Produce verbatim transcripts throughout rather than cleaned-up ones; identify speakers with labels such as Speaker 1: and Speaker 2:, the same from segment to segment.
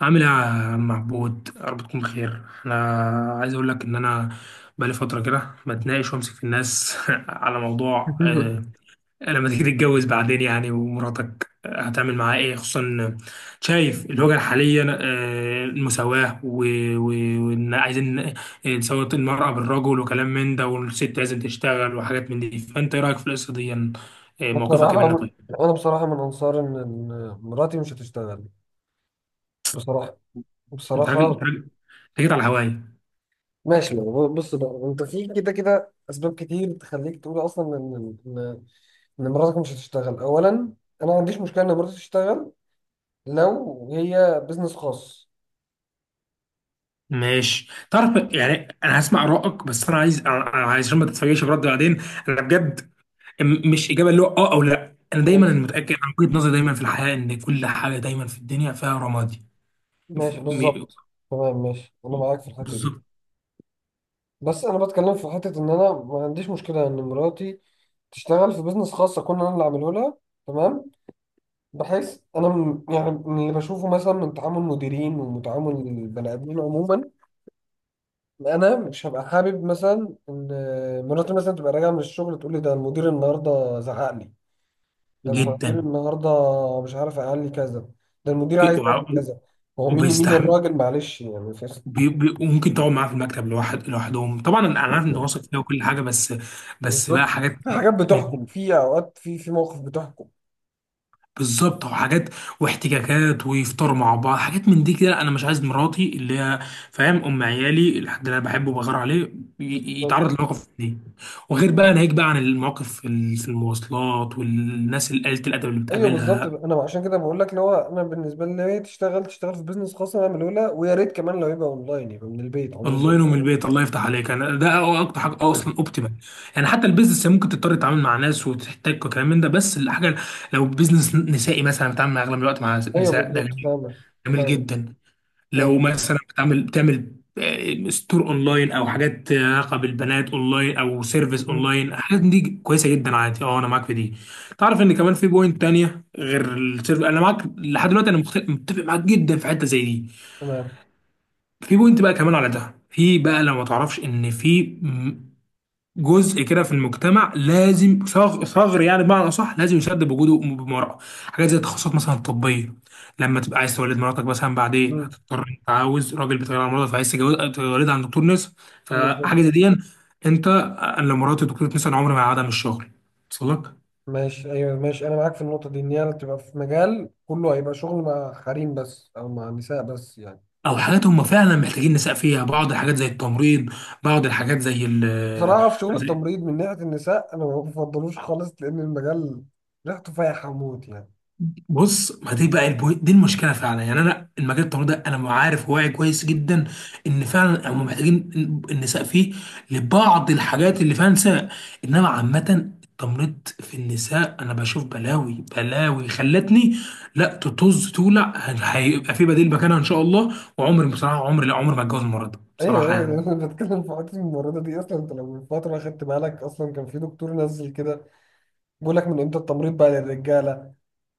Speaker 1: عامل ايه يا عم عبود، يا رب تكون بخير. انا عايز اقول لك ان انا بقالي فتره كده بتناقش وامسك في الناس على موضوع آه، لما تيجي تتجوز بعدين يعني، ومراتك هتعمل معاها ايه، خصوصا إن شايف الوجهه الحاليه، آه، المساواه و- و- وان عايزين نساوي المراه بالرجل وكلام من ده، والست لازم تشتغل وحاجات من دي. فانت ايه رايك في القصه دي؟ آه، موقفك ايه منها؟
Speaker 2: بصراحة،
Speaker 1: طيب،
Speaker 2: أنا بصراحة من أنصار إن إن مراتي مش هتشتغل. بصراحة.
Speaker 1: انت راجل، انت
Speaker 2: بصراحة،
Speaker 1: راجل انت جيت على هواي.
Speaker 2: ماشي. يعني بص بقى، أنت في كده كده أسباب كتير تخليك تقول أصلا إن إن إن مراتك مش هتشتغل. أولا، أنا ما عنديش مشكلة إن مراتي تشتغل لو هي بيزنس خاص.
Speaker 1: ماشي، تعرف يعني انا هسمع رأيك، بس انا عايز، أنا أنا عايز عشان ما تتفاجئش برد بعدين. انا بجد م- مش اجابه اللي هو اه او لا. انا دايما
Speaker 2: ماشي،
Speaker 1: أنا متاكد عن وجهه نظري دايما في الحياه، ان كل حاجه دايما في الدنيا فيها رمادي. ف-
Speaker 2: ماشي،
Speaker 1: م-
Speaker 2: بالظبط، تمام، ماشي، أنا معاك في الحتة دي.
Speaker 1: بالظبط
Speaker 2: بس أنا بتكلم في حتة إن أنا ما عنديش مشكلة إن مراتي تشتغل في بيزنس خاص أكون أنا اللي عامله لها. تمام. بحس انا م- يعني من اللي بشوفه مثلا من تعامل مديرين وتعامل البني ادمين عموما، انا مش هبقى حابب مثلا ان مراتي مثلا تبقى راجعه من الشغل تقول لي: ده المدير النهارده زعق لي، ده المدير
Speaker 1: جدا.
Speaker 2: النهارده مش عارف قال لي كذا، ده المدير
Speaker 1: ك-
Speaker 2: عايز يعمل
Speaker 1: وع-
Speaker 2: كذا. هو مين مين
Speaker 1: وبيستحمل.
Speaker 2: الراجل؟ معلش يعني في.
Speaker 1: بي- بي- وممكن تقعد معاه في المكتب لوحد لوحدهم. طبعا انا عارف ان واثق فيها وكل حاجه، بس بس بقى
Speaker 2: بالظبط،
Speaker 1: حاجات.
Speaker 2: في حاجات بتحكم، في اوقات، في في مواقف بتحكم.
Speaker 1: بالظبط، او حاجات واحتكاكات ويفطروا مع بعض، حاجات من دي كده. انا مش عايز مراتي اللي هي، فاهم، ام عيالي، الحد اللي انا بحبه وبغار عليه، ي- يتعرض لمواقف دي. وغير بقى، ناهيك بقى عن المواقف في ال- في المواصلات والناس اللي قلة الادب اللي
Speaker 2: ايوه، بالظبط،
Speaker 1: بتقابلها.
Speaker 2: انا عشان كده بقول لك اللي هو انا بالنسبه لي لو هي تشتغل، تشتغل في بيزنس خاص، انا من الاولى. ويا ريت كمان لو يبقى اونلاين، يبقى من البيت عموما.
Speaker 1: الله ينوم البيت، الله يفتح عليك. انا ده أو- اكتر حاجه اصلا اوبتيمال. يعني حتى البيزنس ممكن تضطر تتعامل مع ناس وتحتاج وكلام من ده، بس الحاجه لو بيزنس نسائي مثلا، بتعامل مع اغلب الوقت مع
Speaker 2: ايوه،
Speaker 1: نساء، ده
Speaker 2: بالظبط،
Speaker 1: جميل.
Speaker 2: فاهمك،
Speaker 1: جميل
Speaker 2: فاهمك،
Speaker 1: جدا. لو
Speaker 2: فاهمك،
Speaker 1: مثلا بتعمل بتعمل آه، ستور اونلاين، او حاجات علاقه بالبنات اونلاين، او سيرفيس
Speaker 2: مم،
Speaker 1: اونلاين، الحاجات دي كويسه جدا، عادي. اه انا معاك في دي. تعرف ان كمان في بوينت تانية غير السيرفيس. انا معاك لحد دلوقتي، انا مخت- متفق معاك جدا في حته زي دي.
Speaker 2: تمام.
Speaker 1: في بوينت بقى كمان على ده. في بقى، لو ما تعرفش، ان في جزء كده في المجتمع لازم ثغر ثغر يعني، بمعنى اصح لازم يسد بوجوده بمرأة. حاجات زي التخصصات مثلا الطبيه، لما تبقى عايز تولد مراتك مثلا بعدين،
Speaker 2: مم،
Speaker 1: هتضطر، انت عاوز راجل بيتغير على مراتك فعايز تجوز- تولدها عند دكتور نساء.
Speaker 2: بالظبط.
Speaker 1: فحاجه زي دي، انت، أنا لو مرات دكتور نساء عمري ما هقعدها من الشغل. وصل لك؟
Speaker 2: ماشي، ايوه، ماشي، انا معاك في النقطه دي، ان هي تبقى في مجال كله هيبقى شغل مع حريم بس او مع نساء بس يعني.
Speaker 1: او حاجات هم فعلا محتاجين نساء فيها، بعض الحاجات زي التمريض، بعض الحاجات زي ال...
Speaker 2: بصراحه، في شغل التمريض من ناحيه النساء انا ما بفضلوش خالص، لان المجال ريحته فايحه موت يعني.
Speaker 1: بص، ما دي بقى البو... دي المشكله فعلا يعني. انا المجال التمريضي ده انا عارف واعي كويس جدا ان فعلا هم محتاجين إن- النساء فيه لبعض الحاجات اللي فعلا نساء. انما عامه التمريض في النساء انا بشوف بلاوي بلاوي خلتني لا تطز تولع. هيبقى في بديل مكانها ان شاء الله، وعمري بصراحه، عمري لا، عمري ما اتجوز المرض
Speaker 2: ايوه،
Speaker 1: بصراحه
Speaker 2: ايوه،
Speaker 1: يعني.
Speaker 2: انا بتكلم في حته الممرضه دي. اصلا انت لو من فتره خدت بالك، اصلا كان في دكتور نزل كده بيقول لك: من امتى التمريض بقى للرجاله؟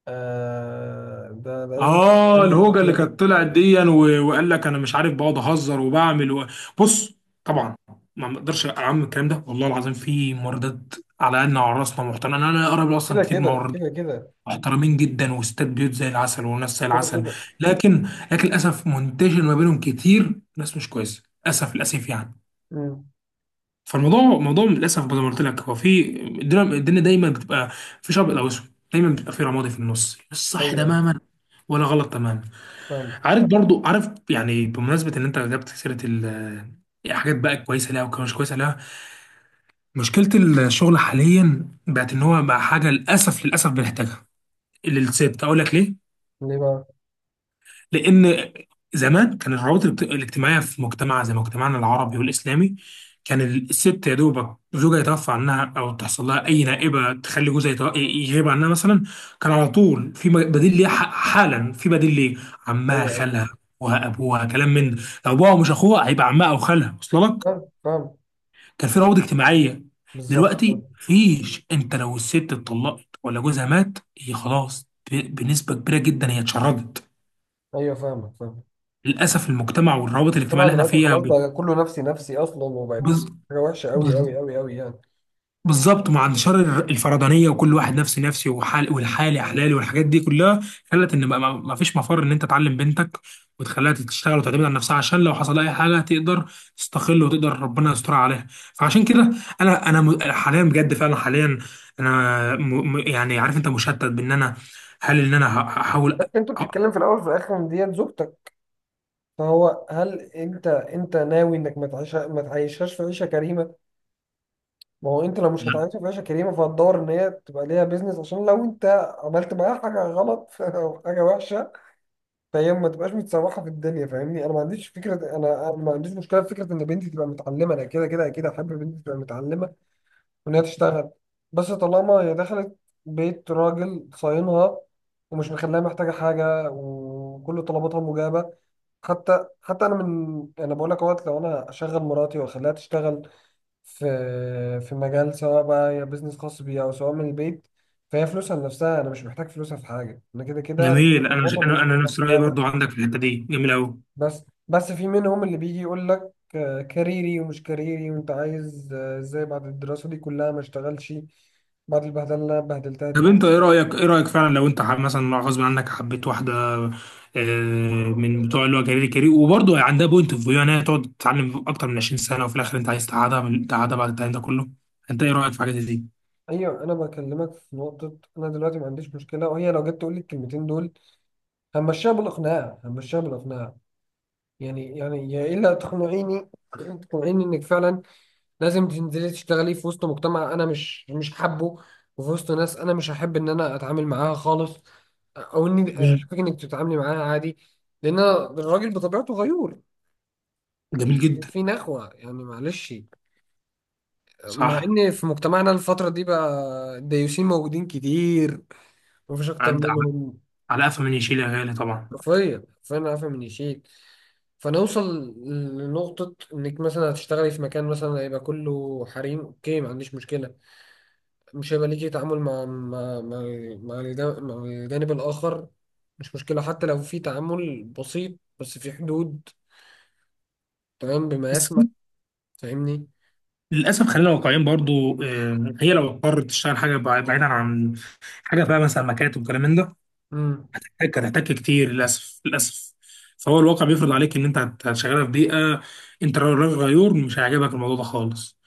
Speaker 2: آه، ده لازم
Speaker 1: اه
Speaker 2: يكون
Speaker 1: الهوجه اللي
Speaker 2: ممرضه.
Speaker 1: كانت طلعت دي، و- وقال لك انا مش عارف بقعد اهزر وبعمل و... بص، طبعا ما اقدرش اعمم الكلام ده، والله العظيم في مواردات على قدنا وعلى راسنا محترمين. انا اقرب اصلا
Speaker 2: كده
Speaker 1: كتير
Speaker 2: كده
Speaker 1: مواردات
Speaker 2: كده كده
Speaker 1: محترمين جدا، واستاد بيوت زي العسل وناس زي
Speaker 2: كده
Speaker 1: العسل.
Speaker 2: كده.
Speaker 1: لكن، لكن للاسف منتشر ما بينهم كتير ناس مش كويسه، للاسف للاسف يعني.
Speaker 2: امم.
Speaker 1: فالموضوع موضوع للاسف زي ما قلت لك، هو في الدنيا، الدنيا دايما بتبقى في شبق او اسود، دايما بتبقى في رمادي في النص، مش صح
Speaker 2: ايوه، ايوه،
Speaker 1: تماما ولا غلط تماما.
Speaker 2: فاهم.
Speaker 1: عارف برضو، عارف يعني، بمناسبة ان انت جبت سيرة ال... يعني حاجات بقى كويسة لها ومش كويسة لها. مشكلة الشغل حاليا بقت ان هو بقى حاجة للأسف للأسف بنحتاجها للست. اقول لك ليه؟
Speaker 2: ليه بقى؟
Speaker 1: لان زمان كان الروابط الاجت- الاجتماعيه في مجتمع زي مجتمعنا العربي والاسلامي، كان الست يا دوبك زوجها يتوفى عنها، او تحصل لها اي نائبه تخلي جوزها يتو- يغيب عنها مثلا، كان على طول في م- بديل ليها، ح- حالا في بديل ليه، عمها،
Speaker 2: ايوه، ايوه،
Speaker 1: خالها، ابوها ابوها، كلام من ده. لو ابوها، مش اخوها، هيبقى عمها او خالها. وصل لك؟
Speaker 2: فاهم، فاهم،
Speaker 1: كان في روابط اجتماعيه.
Speaker 2: بالظبط،
Speaker 1: دلوقتي
Speaker 2: فاهم.
Speaker 1: مفيش. انت لو الست اتطلقت ولا جوزها مات، هي خلاص ب- بنسبه كبيره جدا هي اتشردت.
Speaker 2: ايوه، فاهمك، فاهم.
Speaker 1: للاسف المجتمع والروابط الاجتماعيه
Speaker 2: طبعا
Speaker 1: اللي احنا
Speaker 2: دلوقتي
Speaker 1: فيها
Speaker 2: خلاص
Speaker 1: ب-
Speaker 2: بقى، كله نفسي نفسي اصلا، وبقت
Speaker 1: بز-
Speaker 2: حاجه وحشه قوي
Speaker 1: بز-
Speaker 2: قوي قوي قوي يعني.
Speaker 1: بالظبط. مع انتشار ال- الفردانيه، وكل واحد نفسي نفسي، وحال والحالي احلالي، والحاجات دي كلها، خلت ان بقى ما ما فيش مفر ان انت تعلم بنتك وتخليها تشتغل وتعتمد على نفسها، عشان لو حصل اي حاجه تقدر تستقل، وتقدر ربنا يستر عليها. فعشان كده، انا انا م- حاليا بجد فعلا، حاليا انا م م- يعني، عارف انت مشتت، بان انا، هل ان انا ه- هحاول
Speaker 2: بس
Speaker 1: أ-
Speaker 2: انت
Speaker 1: أ-
Speaker 2: بتتكلم في الاول وفي الاخر إن دي زوجتك. فهو، هل انت انت ناوي انك ما تعيش ما تعيشهاش في عيشه كريمه؟ ما هو انت لو مش هتعيشها في عيشه كريمه، فهتدور ان هي تبقى ليها بيزنس. عشان لو انت عملت معاها حاجه غلط او حاجه وحشه، فهي ما تبقاش متسوحه في الدنيا. فاهمني، انا ما عنديش فكره، انا انا ما عنديش مشكله في فكره ان بنتي تبقى متعلمه، انا كده كده اكيد احب بنتي تبقى متعلمه، وإن هي تشتغل. بس طالما هي دخلت بيت راجل صاينها، ومش مخليها محتاجة حاجة، وكل طلباتها مجابة، حتى حتى أنا من أنا بقول لك أهوت، لو أنا أشغل مراتي وأخليها تشتغل في في مجال، سواء بقى هي بيزنس خاص بيها أو سواء من البيت، فهي فلوسها لنفسها، أنا مش محتاج فلوسها في حاجة، أنا كده كده
Speaker 1: جميل. انا
Speaker 2: طلباتها
Speaker 1: انا
Speaker 2: بالنسبة
Speaker 1: انا نفس رايي
Speaker 2: لي.
Speaker 1: برضو عندك في الحته دي، جميل قوي.
Speaker 2: بس بس في منهم اللي بيجي يقول لك: آه، كاريري ومش كاريري، وانت عايز آه، ازاي بعد الدراسة دي كلها ما اشتغلش بعد البهدله اللي انا بهدلتها دي
Speaker 1: طب انت
Speaker 2: كلها.
Speaker 1: ايه رايك، ايه رايك فعلا، لو انت حب- مثلا غصب عنك حبيت واحده آه، من بتوع اللي هو كارير كارير، وبرضه عندها بوينت اوف فيو ان هي تقعد تتعلم اكتر من عشرين سنه، وفي الاخر انت عايز تقعدها، من تقعدها بعد التعليم ده كله؟ انت ايه رايك في حاجه زي دي؟
Speaker 2: ايوه، انا بكلمك في نقطة. انا دلوقتي ما عنديش مشكلة، وهي لو جت تقول لي الكلمتين دول، همشيها بالاقناع، همشيها بالاقناع. يعني يعني يا الا تقنعيني تقنعيني انك فعلا لازم تنزلي تشتغلي في وسط مجتمع انا مش مش حابه، وفي وسط ناس انا مش هحب ان انا اتعامل معاها خالص، او اني
Speaker 1: جميل.
Speaker 2: اشوفك انك تتعاملي معاها عادي. لان أنا الراجل بطبيعته غيور،
Speaker 1: جميل جدا.
Speaker 2: في نخوة يعني، معلش. مع
Speaker 1: صح.
Speaker 2: ان في مجتمعنا الفترة دي بقى، الديوسين موجودين كتير، مفيش اكتر
Speaker 1: عد على،
Speaker 2: منهم
Speaker 1: على قفا من يشيل يا غالي، طبعا.
Speaker 2: حرفيا، فانا عارفة من يشيل. فنوصل لنقطة انك مثلا هتشتغلي في مكان مثلا هيبقى كله حريم، اوكي، ما عنديش مشكلة، مش هيبقى ليكي تعامل مع مع مع مع الجا- مع الجانب الآخر، مش مشكلة. حتى لو في تعامل بسيط بس في حدود، تمام، بما
Speaker 1: بس
Speaker 2: يسمح. فاهمني؟
Speaker 1: للاسف خلينا واقعيين برضه، آه، هي لو اضطرت تشتغل حاجه بع- بعيدا عن حاجه بقى مثلا مكاتب وكلام من ده،
Speaker 2: امم.
Speaker 1: هتحتاج هتحتاج كتير للاسف للاسف. فهو الواقع بيفرض عليك ان انت هت- هتشغلها في بيئه انت راجل غيور مش هيعجبك الموضوع ده خالص.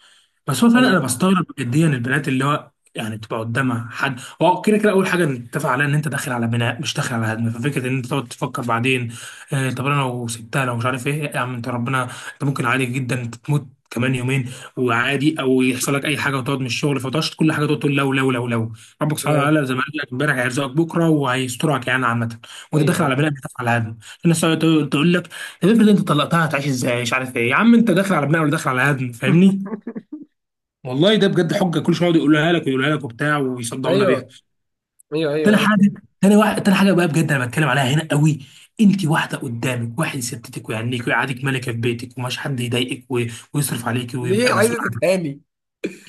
Speaker 1: بس هو فعلا
Speaker 2: انا
Speaker 1: انا بستغرب جديا البنات اللي هو يعني بتبقى قدامها حد هو كده كده. اول حاجه نتفق عليها ان انت داخل على بناء مش داخل على هدم. ففكره ان انت تقعد تفكر بعدين، آه طب انا لو سبتها، لو مش عارف ايه، يا عم انت ربنا، انت ممكن عادي جدا تموت كمان يومين، وعادي، او يحصل لك اي حاجه وتقعد من الشغل. فتقعدش كل حاجه تقعد تقول لو لو لو لو. ربك سبحانه
Speaker 2: تمام.
Speaker 1: وتعالى زي ما قال لك امبارح، هيرزقك بكره وهيسترك يعني عامه. وانت
Speaker 2: ايوه،
Speaker 1: داخل على
Speaker 2: ايوه،
Speaker 1: بناء مش داخل على هدم. الناس تقعد تقول لك، طب افرض انت طلقتها هتعيش ازاي، مش عارف ايه. يا عم انت داخل على بناء ولا داخل على هدم، فاهمني؟ والله ده بجد حجه كل شويه يقعد يقولها لك ويقولها لك وبتاع ويصدعونا بيها.
Speaker 2: ايوه، ايوه،
Speaker 1: تاني
Speaker 2: ايوه، انا
Speaker 1: حاجه،
Speaker 2: فاهم.
Speaker 1: تاني واحد، تاني حاجه بقى بجد انا بتكلم عليها هنا قوي. انت واحده قدامك، واحد يستتك ويعنيك ويقعدك ملكه في بيتك، ومش حد يضايقك، و- ويصرف عليك ويبقى
Speaker 2: ليه
Speaker 1: مسؤول
Speaker 2: عايزة
Speaker 1: عنك.
Speaker 2: تتهاني؟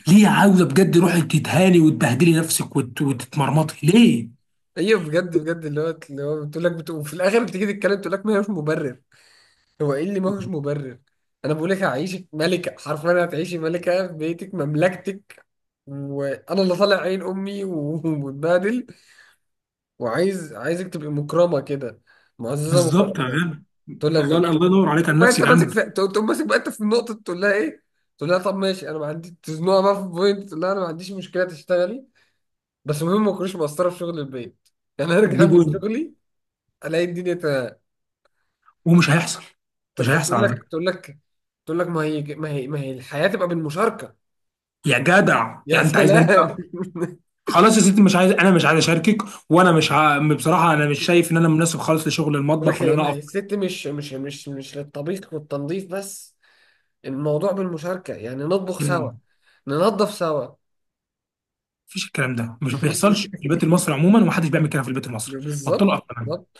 Speaker 1: ليه عاوزه بجد روحي تتهاني، وتبهدلي نفسك، وت- وتتمرمطي؟ ليه؟
Speaker 2: ايوه، بجد بجد اللي هو اللي هو بتقول لك، بتقول في الاخر، بتيجي تتكلم تقول لك ما هوش مبرر. هو ايه اللي ما هوش مبرر؟ انا بقول لك هعيشك ملكة، حرفيا هتعيشي ملكة في بيتك مملكتك، وانا اللي طالع عين امي و- ومتبهدل، وعايز عايزك تبقي مكرمه كده، معززه
Speaker 1: بالظبط يا
Speaker 2: مكرمه.
Speaker 1: غالي.
Speaker 2: تقول لك.
Speaker 1: الله، الله ينور عليك،
Speaker 2: تقوم
Speaker 1: على
Speaker 2: بقى انت
Speaker 1: نفسك،
Speaker 2: ماسك
Speaker 1: كلامك.
Speaker 2: في... تقوم تقوم ماسك بقى انت في النقطه، تقول لها ايه؟ تقول لها: طب ماشي، انا ما عندي، تزنقها بقى في بوينت، تقول لها: انا ما عنديش مشكله تشتغلي، بس المهم ما تكونيش مقصره في شغل البيت يعني ارجع
Speaker 1: دي
Speaker 2: من
Speaker 1: بوينت.
Speaker 2: شغلي الاقي الدنيا تمام.
Speaker 1: ومش هيحصل، مش هيحصل
Speaker 2: فتقول
Speaker 1: على
Speaker 2: لك،
Speaker 1: فكره.
Speaker 2: تقول لك تقول لك ما هي ما هي ما هي الحياه تبقى بالمشاركه.
Speaker 1: يا جدع
Speaker 2: يا
Speaker 1: يعني انت عايزني،
Speaker 2: سلام.
Speaker 1: خلاص يا ستي، مش عايز، انا مش عايز اشاركك. وانا مش ع... بصراحه انا مش شايف ان انا مناسب خالص لشغل
Speaker 2: يقول
Speaker 1: المطبخ
Speaker 2: لك:
Speaker 1: ولا انا
Speaker 2: ما هي
Speaker 1: اقف.
Speaker 2: الست مش مش مش مش للطبيخ والتنظيف بس، الموضوع بالمشاركه، يعني نطبخ سوا،
Speaker 1: مم.
Speaker 2: ننظف سوا.
Speaker 1: مفيش الكلام ده، مش بيحصلش في البيت المصري عموما، ومحدش بيعمل كده في البيت المصري. بطلوا.
Speaker 2: بالظبط،
Speaker 1: اقف كمان،
Speaker 2: بالظبط.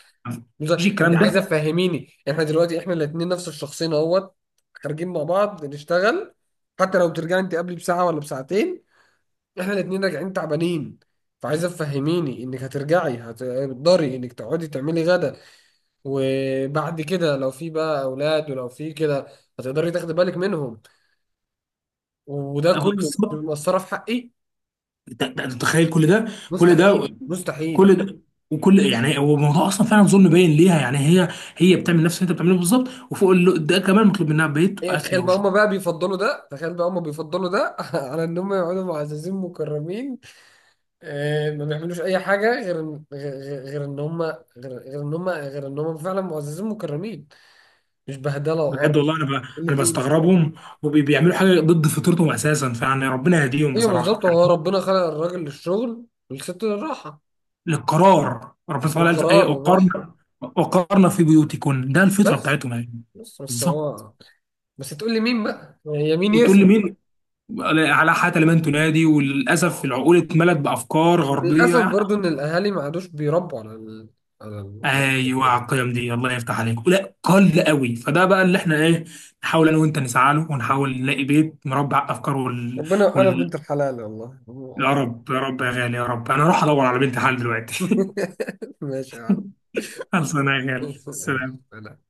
Speaker 2: بص،
Speaker 1: مفيش
Speaker 2: انت
Speaker 1: الكلام
Speaker 2: عايزه
Speaker 1: ده.
Speaker 2: تفهميني، احنا دلوقتي احنا الاثنين نفس الشخصين اهوت، خارجين مع بعض نشتغل. حتى لو بترجعي انت قبلي بساعه ولا بساعتين، احنا الاثنين راجعين تعبانين. فعايزه تفهميني انك هترجعي هتقدري انك تقعدي تعملي غدا، وبعد كده لو في بقى اولاد ولو في كده هتقدري تاخدي بالك منهم؟ وده
Speaker 1: أبقى
Speaker 2: كله
Speaker 1: بالظبط.
Speaker 2: مأثره في حقي.
Speaker 1: ده- ده- ده تخيل كل ده، كل ده،
Speaker 2: مستحيل، مستحيل.
Speaker 1: كل ده، وكل، يعني، هو الموضوع اصلا فعلا ظلم باين ليها يعني. هي هي بتعمل نفس اللي انت بتعمله بالظبط، وفوق ال- ده كمان مطلوب منها بيت
Speaker 2: ايوه،
Speaker 1: واكل
Speaker 2: تخيل بقى
Speaker 1: وشرب.
Speaker 2: هما بقى بيفضلوا ده، تخيل بقى هما بيفضلوا ده على ان هما يقعدوا معززين مكرمين. آه، ما بيعملوش اي حاجه غير إن- غير غير غير ان هما غير غير ان هما غير ان هما فعلا معززين مكرمين، مش بهدله
Speaker 1: بجد
Speaker 2: وقرف.
Speaker 1: والله انا ب...
Speaker 2: قله
Speaker 1: انا
Speaker 2: قيمه
Speaker 1: بستغربهم،
Speaker 2: بصراحة.
Speaker 1: وبيعملوا حاجه ضد فطرتهم اساسا. فيعني ربنا يهديهم
Speaker 2: ايوه،
Speaker 1: بصراحه.
Speaker 2: بالظبط، هو ربنا خلق الراجل للشغل، والست للراحه
Speaker 1: للقرار، ربنا سبحانه وتعالى قال ايه؟
Speaker 2: والقرار والراحه.
Speaker 1: وقرن، وقرن في بيوتكن. ده الفطره
Speaker 2: بس
Speaker 1: بتاعتهم يعني.
Speaker 2: بس بس
Speaker 1: بالظبط.
Speaker 2: هو بس تقول لي مين بقى؟ هي مين
Speaker 1: وتقول لي
Speaker 2: يسمع؟
Speaker 1: مين، على حتى لمن تنادي. وللاسف العقول اتملت بافكار غربيه
Speaker 2: للاسف
Speaker 1: يعني.
Speaker 2: برضو ان الاهالي ما عادوش بيربوا على ال... على ال... على
Speaker 1: ايوه،
Speaker 2: الفكرة دي.
Speaker 1: على القيم دي، الله يفتح عليك، لا قل قوي. فده بقى اللي احنا ايه، نحاول انا وانت نسعى له، ونحاول نلاقي بيت مربع افكار. وال...
Speaker 2: ربنا وفقنا في
Speaker 1: وال...
Speaker 2: بنت الحلال والله.
Speaker 1: يا رب، يا رب يا غالي، يا رب. انا اروح ادور على بنت حل دلوقتي.
Speaker 2: ماشي يا عم.
Speaker 1: خلص انا يا غالي، سلام.